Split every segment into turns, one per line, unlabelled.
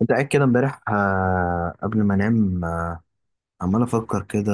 كنت قاعد كده امبارح قبل ما انام عمال افكر كده.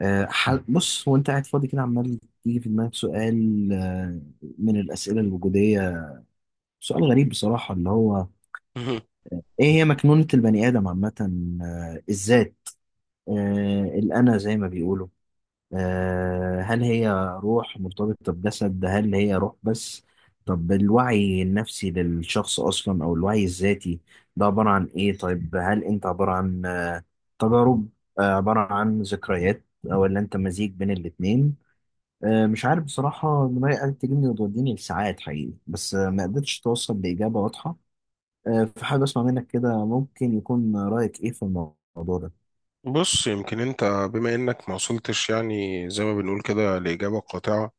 بص وانت قاعد فاضي كده عمال يجي في دماغك سؤال، من الاسئله الوجوديه. سؤال غريب بصراحه اللي هو
مهم.
ايه هي مكنونه البني ادم عامه. الذات، الانا زي ما بيقولوا. هل هي روح مرتبطه بجسد، هل هي روح بس؟ طب الوعي النفسي للشخص اصلا او الوعي الذاتي ده عباره عن ايه؟ طيب هل انت عباره عن تجارب، عبارة عن ذكريات، أو اللي أنت مزيج بين الاتنين؟ مش عارف بصراحة، دماغي قالت تجيبني وتوديني لساعات حقيقي بس ما قدرتش توصل لإجابة واضحة. فحابب أسمع منك كده، ممكن يكون رأيك إيه في الموضوع ده؟
بص يمكن انت بما انك ما وصلتش، يعني زي ما بنقول كده، لإجابة قاطعة،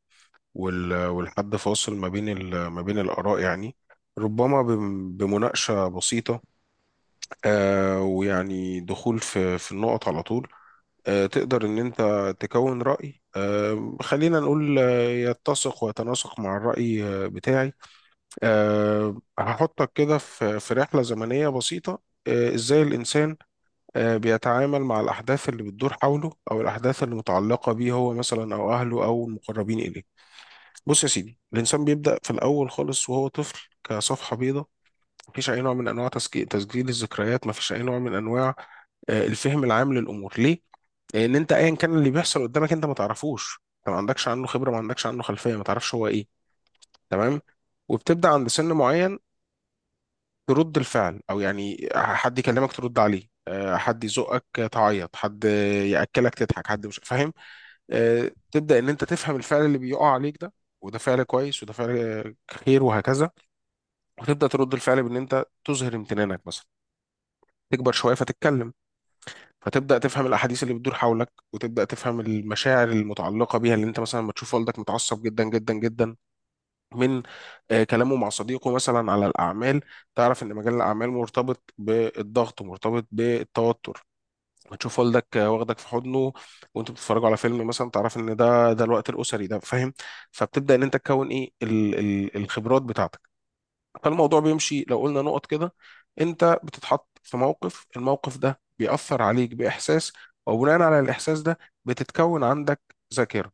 والحد فاصل ما بين ما بين الآراء، يعني ربما بمناقشة بسيطة. ويعني دخول في النقط على طول. تقدر ان انت تكون رأي، خلينا نقول، يتسق ويتناسق مع الرأي بتاعي. هحطك كده في رحلة زمنية بسيطة. ازاي الإنسان بيتعامل مع الأحداث اللي بتدور حوله أو الأحداث اللي متعلقة بيه هو مثلا، أو أهله أو المقربين إليه. بص يا سيدي، الإنسان بيبدأ في الأول خالص وهو طفل كصفحة بيضاء. مفيش أي نوع من أنواع تسجيل الذكريات، مفيش أي نوع من أنواع الفهم العام للأمور. ليه؟ لأن أنت أيا كان اللي بيحصل قدامك أنت ما تعرفوش، أنت ما عندكش عنه خبرة، ما عندكش عنه خلفية، ما تعرفش هو إيه. تمام؟ وبتبدأ عند سن معين ترد الفعل، او يعني حد يكلمك ترد عليه، حد يزقك تعيط، حد ياكلك تضحك، حد مش فاهم. تبدا ان انت تفهم الفعل اللي بيقع عليك ده، وده فعل كويس وده فعل خير وهكذا، وتبدا ترد الفعل بان انت تظهر امتنانك مثلا. تكبر شويه فتتكلم، فتبدا تفهم الاحاديث اللي بتدور حولك، وتبدا تفهم المشاعر المتعلقه بيها، اللي انت مثلا لما تشوف والدك متعصب جدا جدا جدا من كلامه مع صديقه مثلا على الأعمال، تعرف إن مجال الأعمال مرتبط بالضغط، مرتبط بالتوتر. هتشوف والدك واخدك في حضنه، وانتوا بتتفرجوا على فيلم مثلا، تعرف ان ده الوقت الاسري، ده فاهم. فبتبدا ان انت تكون ايه ال ال الخبرات بتاعتك. فالموضوع بيمشي لو قلنا نقط كده: انت بتتحط في موقف، الموقف ده بيأثر عليك بإحساس، وبناء على الإحساس ده بتتكون عندك ذاكرة.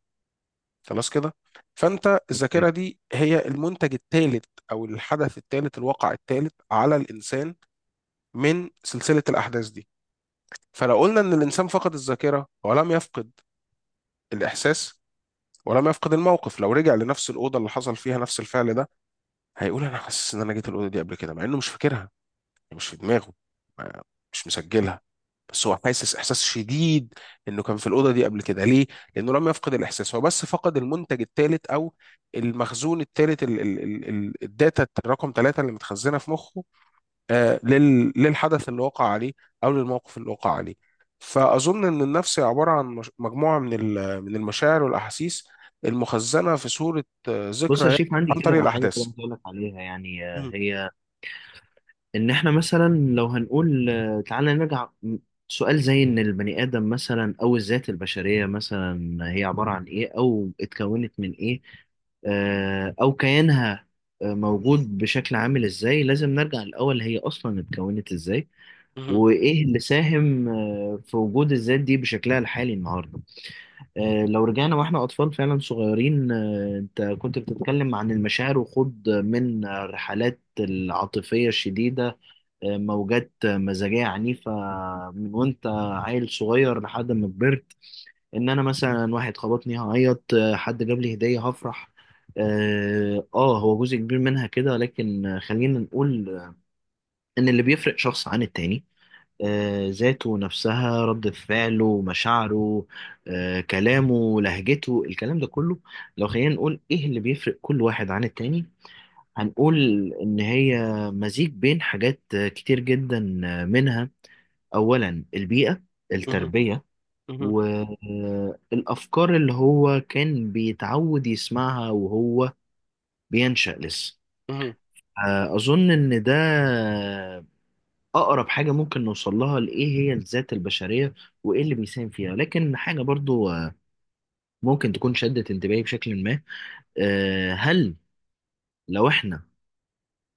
خلاص كده. فانت الذاكره دي هي المنتج الثالث او الحدث الثالث، الواقع الثالث على الانسان من سلسله الاحداث دي. فلو قلنا ان الانسان فقد الذاكره ولم يفقد الاحساس، ولم يفقد الموقف، لو رجع لنفس الاوضه اللي حصل فيها نفس الفعل ده، هيقول انا حاسس ان انا جيت الاوضه دي قبل كده، مع انه مش فاكرها، مش في دماغه، ما- مش مسجلها، بس هو حاسس احساس شديد انه كان في الاوضه دي قبل كده. ليه؟ لانه لم يفقد الاحساس، هو بس فقد المنتج الثالث او المخزون الثالث، الداتا الرقم ثلاثة اللي متخزنه في مخه، للحدث اللي وقع عليه او للموقف اللي وقع عليه. فاظن ان النفس هي عباره عن مجموعه من من المشاعر والاحاسيس المخزنه في صوره
بص يا
ذكرى
شريف، عندي
عن طريق
كده حاجة كده
الاحداث.
عايز أقول لك عليها يعني،
مهم.
هي ان احنا مثلا لو هنقول، تعالى نرجع سؤال زي ان البني ادم مثلا او الذات البشريه مثلا هي عباره عن ايه او اتكونت من ايه. او كيانها موجود بشكل عامل ازاي؟ لازم نرجع الاول هي اصلا اتكونت ازاي
مهم.
وايه اللي ساهم في وجود الذات دي بشكلها الحالي النهارده. لو رجعنا واحنا اطفال فعلا صغيرين، انت كنت بتتكلم عن المشاعر وخوض من الرحلات العاطفيه الشديده، موجات مزاجية عنيفة من وانت عيل صغير لحد ما كبرت. ان انا مثلا واحد خبطني هعيط، حد جاب لي هدية هفرح. اه، هو جزء كبير منها كده، لكن خلينا نقول ان اللي بيفرق شخص عن التاني ذاته نفسها، ردة فعله، مشاعره، كلامه، لهجته، الكلام ده كله. لو خلينا نقول ايه اللي بيفرق كل واحد عن التاني، هنقول ان هي مزيج بين حاجات كتير جدا. منها أولا البيئة،
مهم.
التربية،
مهم.
والأفكار اللي هو كان بيتعود يسمعها وهو بينشأ لسه.
مهم.
أظن إن ده أقرب حاجة ممكن نوصل لها لإيه هي الذات البشرية وإيه اللي بيساهم فيها. لكن حاجة برضو ممكن تكون شدت انتباهي بشكل ما. هل لو إحنا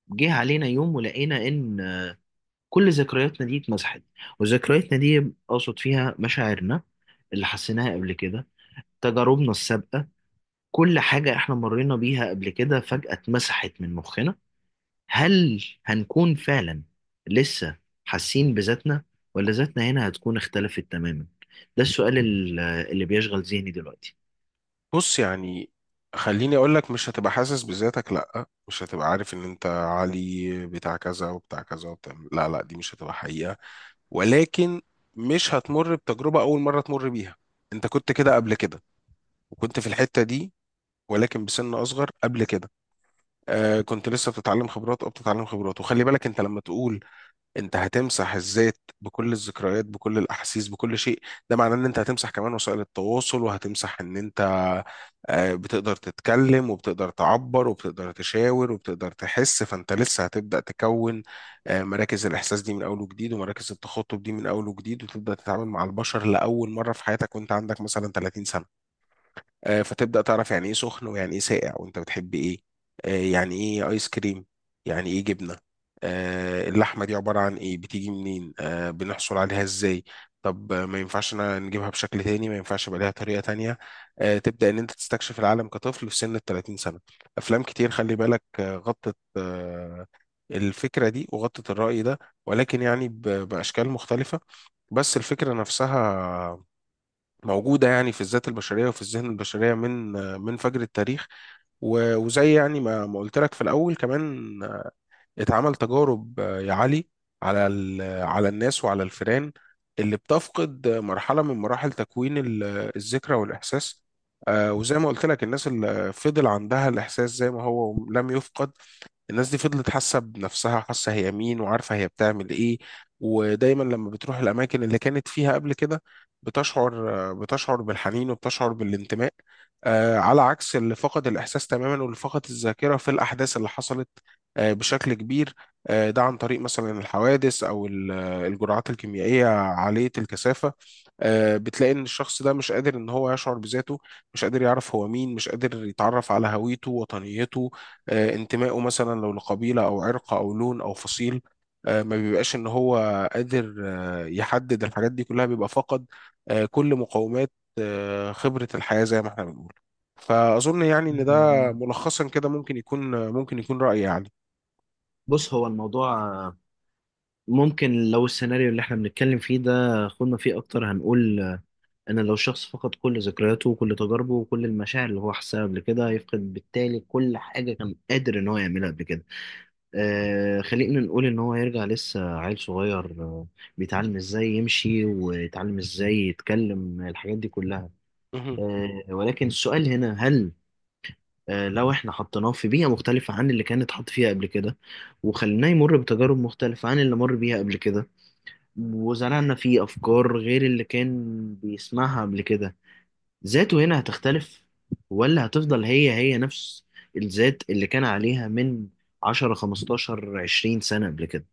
جه علينا يوم ولقينا إن كل ذكرياتنا دي اتمسحت، وذكرياتنا دي أقصد فيها مشاعرنا اللي حسيناها قبل كده، تجاربنا السابقة، كل حاجة احنا مرينا بيها قبل كده فجأة اتمسحت من مخنا، هل هنكون فعلا لسه حاسين بذاتنا، ولا ذاتنا هنا هتكون اختلفت تماما؟ ده السؤال اللي بيشغل ذهني دلوقتي.
بص يعني خليني اقول لك: مش هتبقى حاسس بذاتك، لا، مش هتبقى عارف ان انت علي بتاع كذا وبتاع كذا وبتاع، لا لا، دي مش هتبقى حقيقة. ولكن مش هتمر بتجربة اول مرة تمر بيها، انت كنت كده قبل كده، وكنت في الحتة دي، ولكن بسن اصغر قبل كده. كنت لسه بتتعلم خبرات او بتتعلم خبرات. وخلي بالك انت لما تقول انت هتمسح الذات بكل الذكريات بكل الاحاسيس بكل شيء، ده معناه ان انت هتمسح كمان وسائل التواصل، وهتمسح ان انت بتقدر تتكلم وبتقدر تعبر وبتقدر تشاور وبتقدر تحس، فانت لسه هتبدأ تكون مراكز الاحساس دي من اول وجديد، ومراكز التخاطب دي من اول وجديد، وتبدأ تتعامل مع البشر لاول مرة في حياتك وانت عندك مثلا 30 سنة. فتبدأ تعرف يعني ايه سخن ويعني ايه ساقع وانت بتحب ايه، يعني ايه ايس كريم، يعني ايه جبنة، اللحمة دي عبارة عن ايه، بتيجي منين، بنحصل عليها ازاي. طب ما ينفعش أنا نجيبها بشكل تاني، ما ينفعش يبقى ليها طريقة تانية. تبدأ ان انت تستكشف العالم كطفل في سن ال 30 سنة. افلام كتير، خلي بالك، غطت الفكرة دي وغطت الرأي ده، ولكن يعني بأشكال مختلفة. بس الفكرة نفسها موجودة يعني في الذات البشرية وفي الذهن البشرية من فجر التاريخ. وزي يعني ما قلت لك في الأول كمان، اتعمل تجارب يا علي على على الناس وعلى الفئران اللي بتفقد مرحلة من مراحل تكوين الذكرى والإحساس. وزي ما قلت لك، الناس اللي فضل عندها الإحساس زي ما هو لم يفقد، الناس دي فضلت حاسه بنفسها، وحاسه هي مين، وعارفه هي بتعمل ايه. ودايما لما بتروح الاماكن اللي كانت فيها قبل كده، بتشعر بالحنين وبتشعر بالانتماء، على عكس اللي فقد الاحساس تماما واللي فقد الذاكره في الاحداث اللي حصلت بشكل كبير. ده عن طريق مثلا الحوادث او الجرعات الكيميائيه عاليه الكثافه. بتلاقي ان الشخص ده مش قادر ان هو يشعر بذاته، مش قادر يعرف هو مين، مش قادر يتعرف على هويته، وطنيته، انتمائه، مثلا لو لقبيلة أو عرق أو لون أو فصيل. ما بيبقاش إن هو قادر يحدد الحاجات دي كلها، بيبقى فقد كل مقومات خبرة الحياة زي ما احنا بنقول. فأظن يعني إن ده،
مم.
ملخصا كده، ممكن يكون ممكن يكون رأيي يعني.
بص هو الموضوع ممكن لو السيناريو اللي احنا بنتكلم فيه ده خدنا فيه اكتر، هنقول ان لو شخص فقد كل ذكرياته وكل تجاربه وكل المشاعر اللي هو حسها قبل كده، هيفقد بالتالي كل حاجة كان قادر ان هو يعملها قبل كده. خلينا نقول ان هو يرجع لسه عيل صغير، بيتعلم ازاي يمشي ويتعلم ازاي يتكلم، الحاجات دي كلها.
مهم.
ولكن السؤال هنا هل لو احنا حطيناه في بيئة مختلفة عن اللي كان اتحط فيها قبل كده، وخليناه يمر بتجارب مختلفة عن اللي مر بيها قبل كده، وزرعنا فيه افكار غير اللي كان بيسمعها قبل كده، ذاته هنا هتختلف ولا هتفضل هي هي نفس الذات اللي كان عليها من 10 15 20 سنة قبل كده؟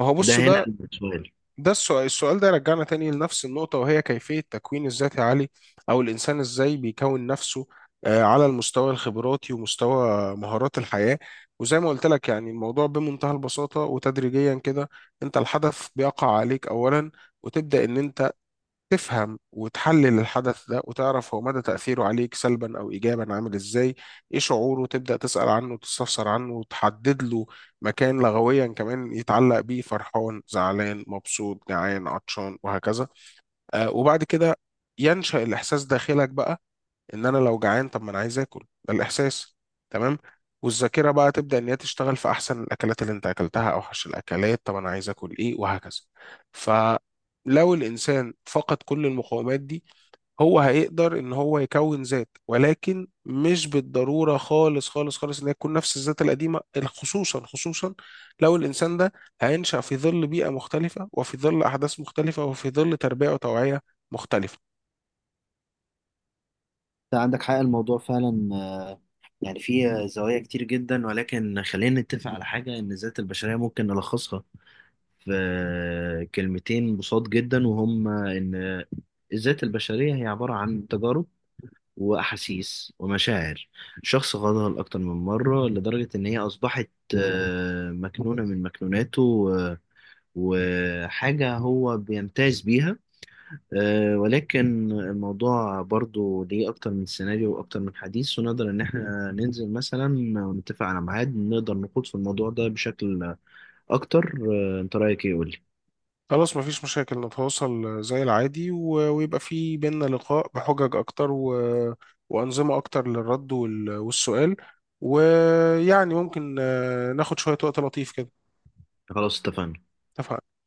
ما هو
ده
بص،
هنا
ده
السؤال.
ده السؤال ده يرجعنا تاني لنفس النقطة، وهي كيفية تكوين الذات يا علي، أو الإنسان إزاي بيكون نفسه على المستوى الخبراتي ومستوى مهارات الحياة. وزي ما قلت لك يعني الموضوع بمنتهى البساطة وتدريجيا كده: أنت الحدث بيقع عليك أولا، وتبدأ إن أنت تفهم وتحلل الحدث ده، وتعرف هو مدى تأثيره عليك سلبا أو إيجابا، عامل إزاي، إيه شعوره، تبدأ تسأل عنه وتستفسر عنه وتحدد له مكان لغويا كمان يتعلق بيه: فرحان، زعلان، مبسوط، جعان، عطشان، وهكذا. وبعد كده ينشأ الإحساس داخلك بقى، ان انا لو جعان، طب ما انا عايز اكل، ده الاحساس. تمام. والذاكره بقى تبدا ان هي تشتغل في احسن الاكلات اللي انت اكلتها، اوحش الاكلات، طب انا عايز اكل ايه، وهكذا. فلو الانسان فقد كل المقومات دي، هو هيقدر ان هو يكون ذات، ولكن مش بالضروره خالص خالص خالص ان هي تكون نفس الذات القديمه. خصوصا خصوصا لو الانسان ده هينشا في ظل بيئه مختلفه، وفي ظل احداث مختلفه، وفي ظل تربيه وتوعيه مختلفه.
انت عندك حق، الموضوع فعلا يعني فيه زوايا كتير جدا، ولكن خلينا نتفق على حاجة إن الذات البشرية ممكن نلخصها في كلمتين بساط جدا، وهم إن الذات البشرية هي عبارة عن تجارب وأحاسيس ومشاعر. شخص غضب أكتر من مرة لدرجة إن هي أصبحت مكنونة من مكنوناته وحاجة هو بيمتاز بيها. ولكن الموضوع برضو ليه أكتر من سيناريو وأكتر من حديث، ونقدر إن إحنا ننزل مثلا ونتفق على ميعاد نقدر نخوض في الموضوع ده بشكل أكتر. أنت رأيك إيه؟ قولي.
خلاص، مفيش مشاكل، نتواصل زي العادي ويبقى في بينا لقاء بحجج أكتر وأنظمة أكتر للرد والسؤال. ويعني ممكن ناخد شوية وقت لطيف كده.
خلاص اتفقنا.
اتفقنا.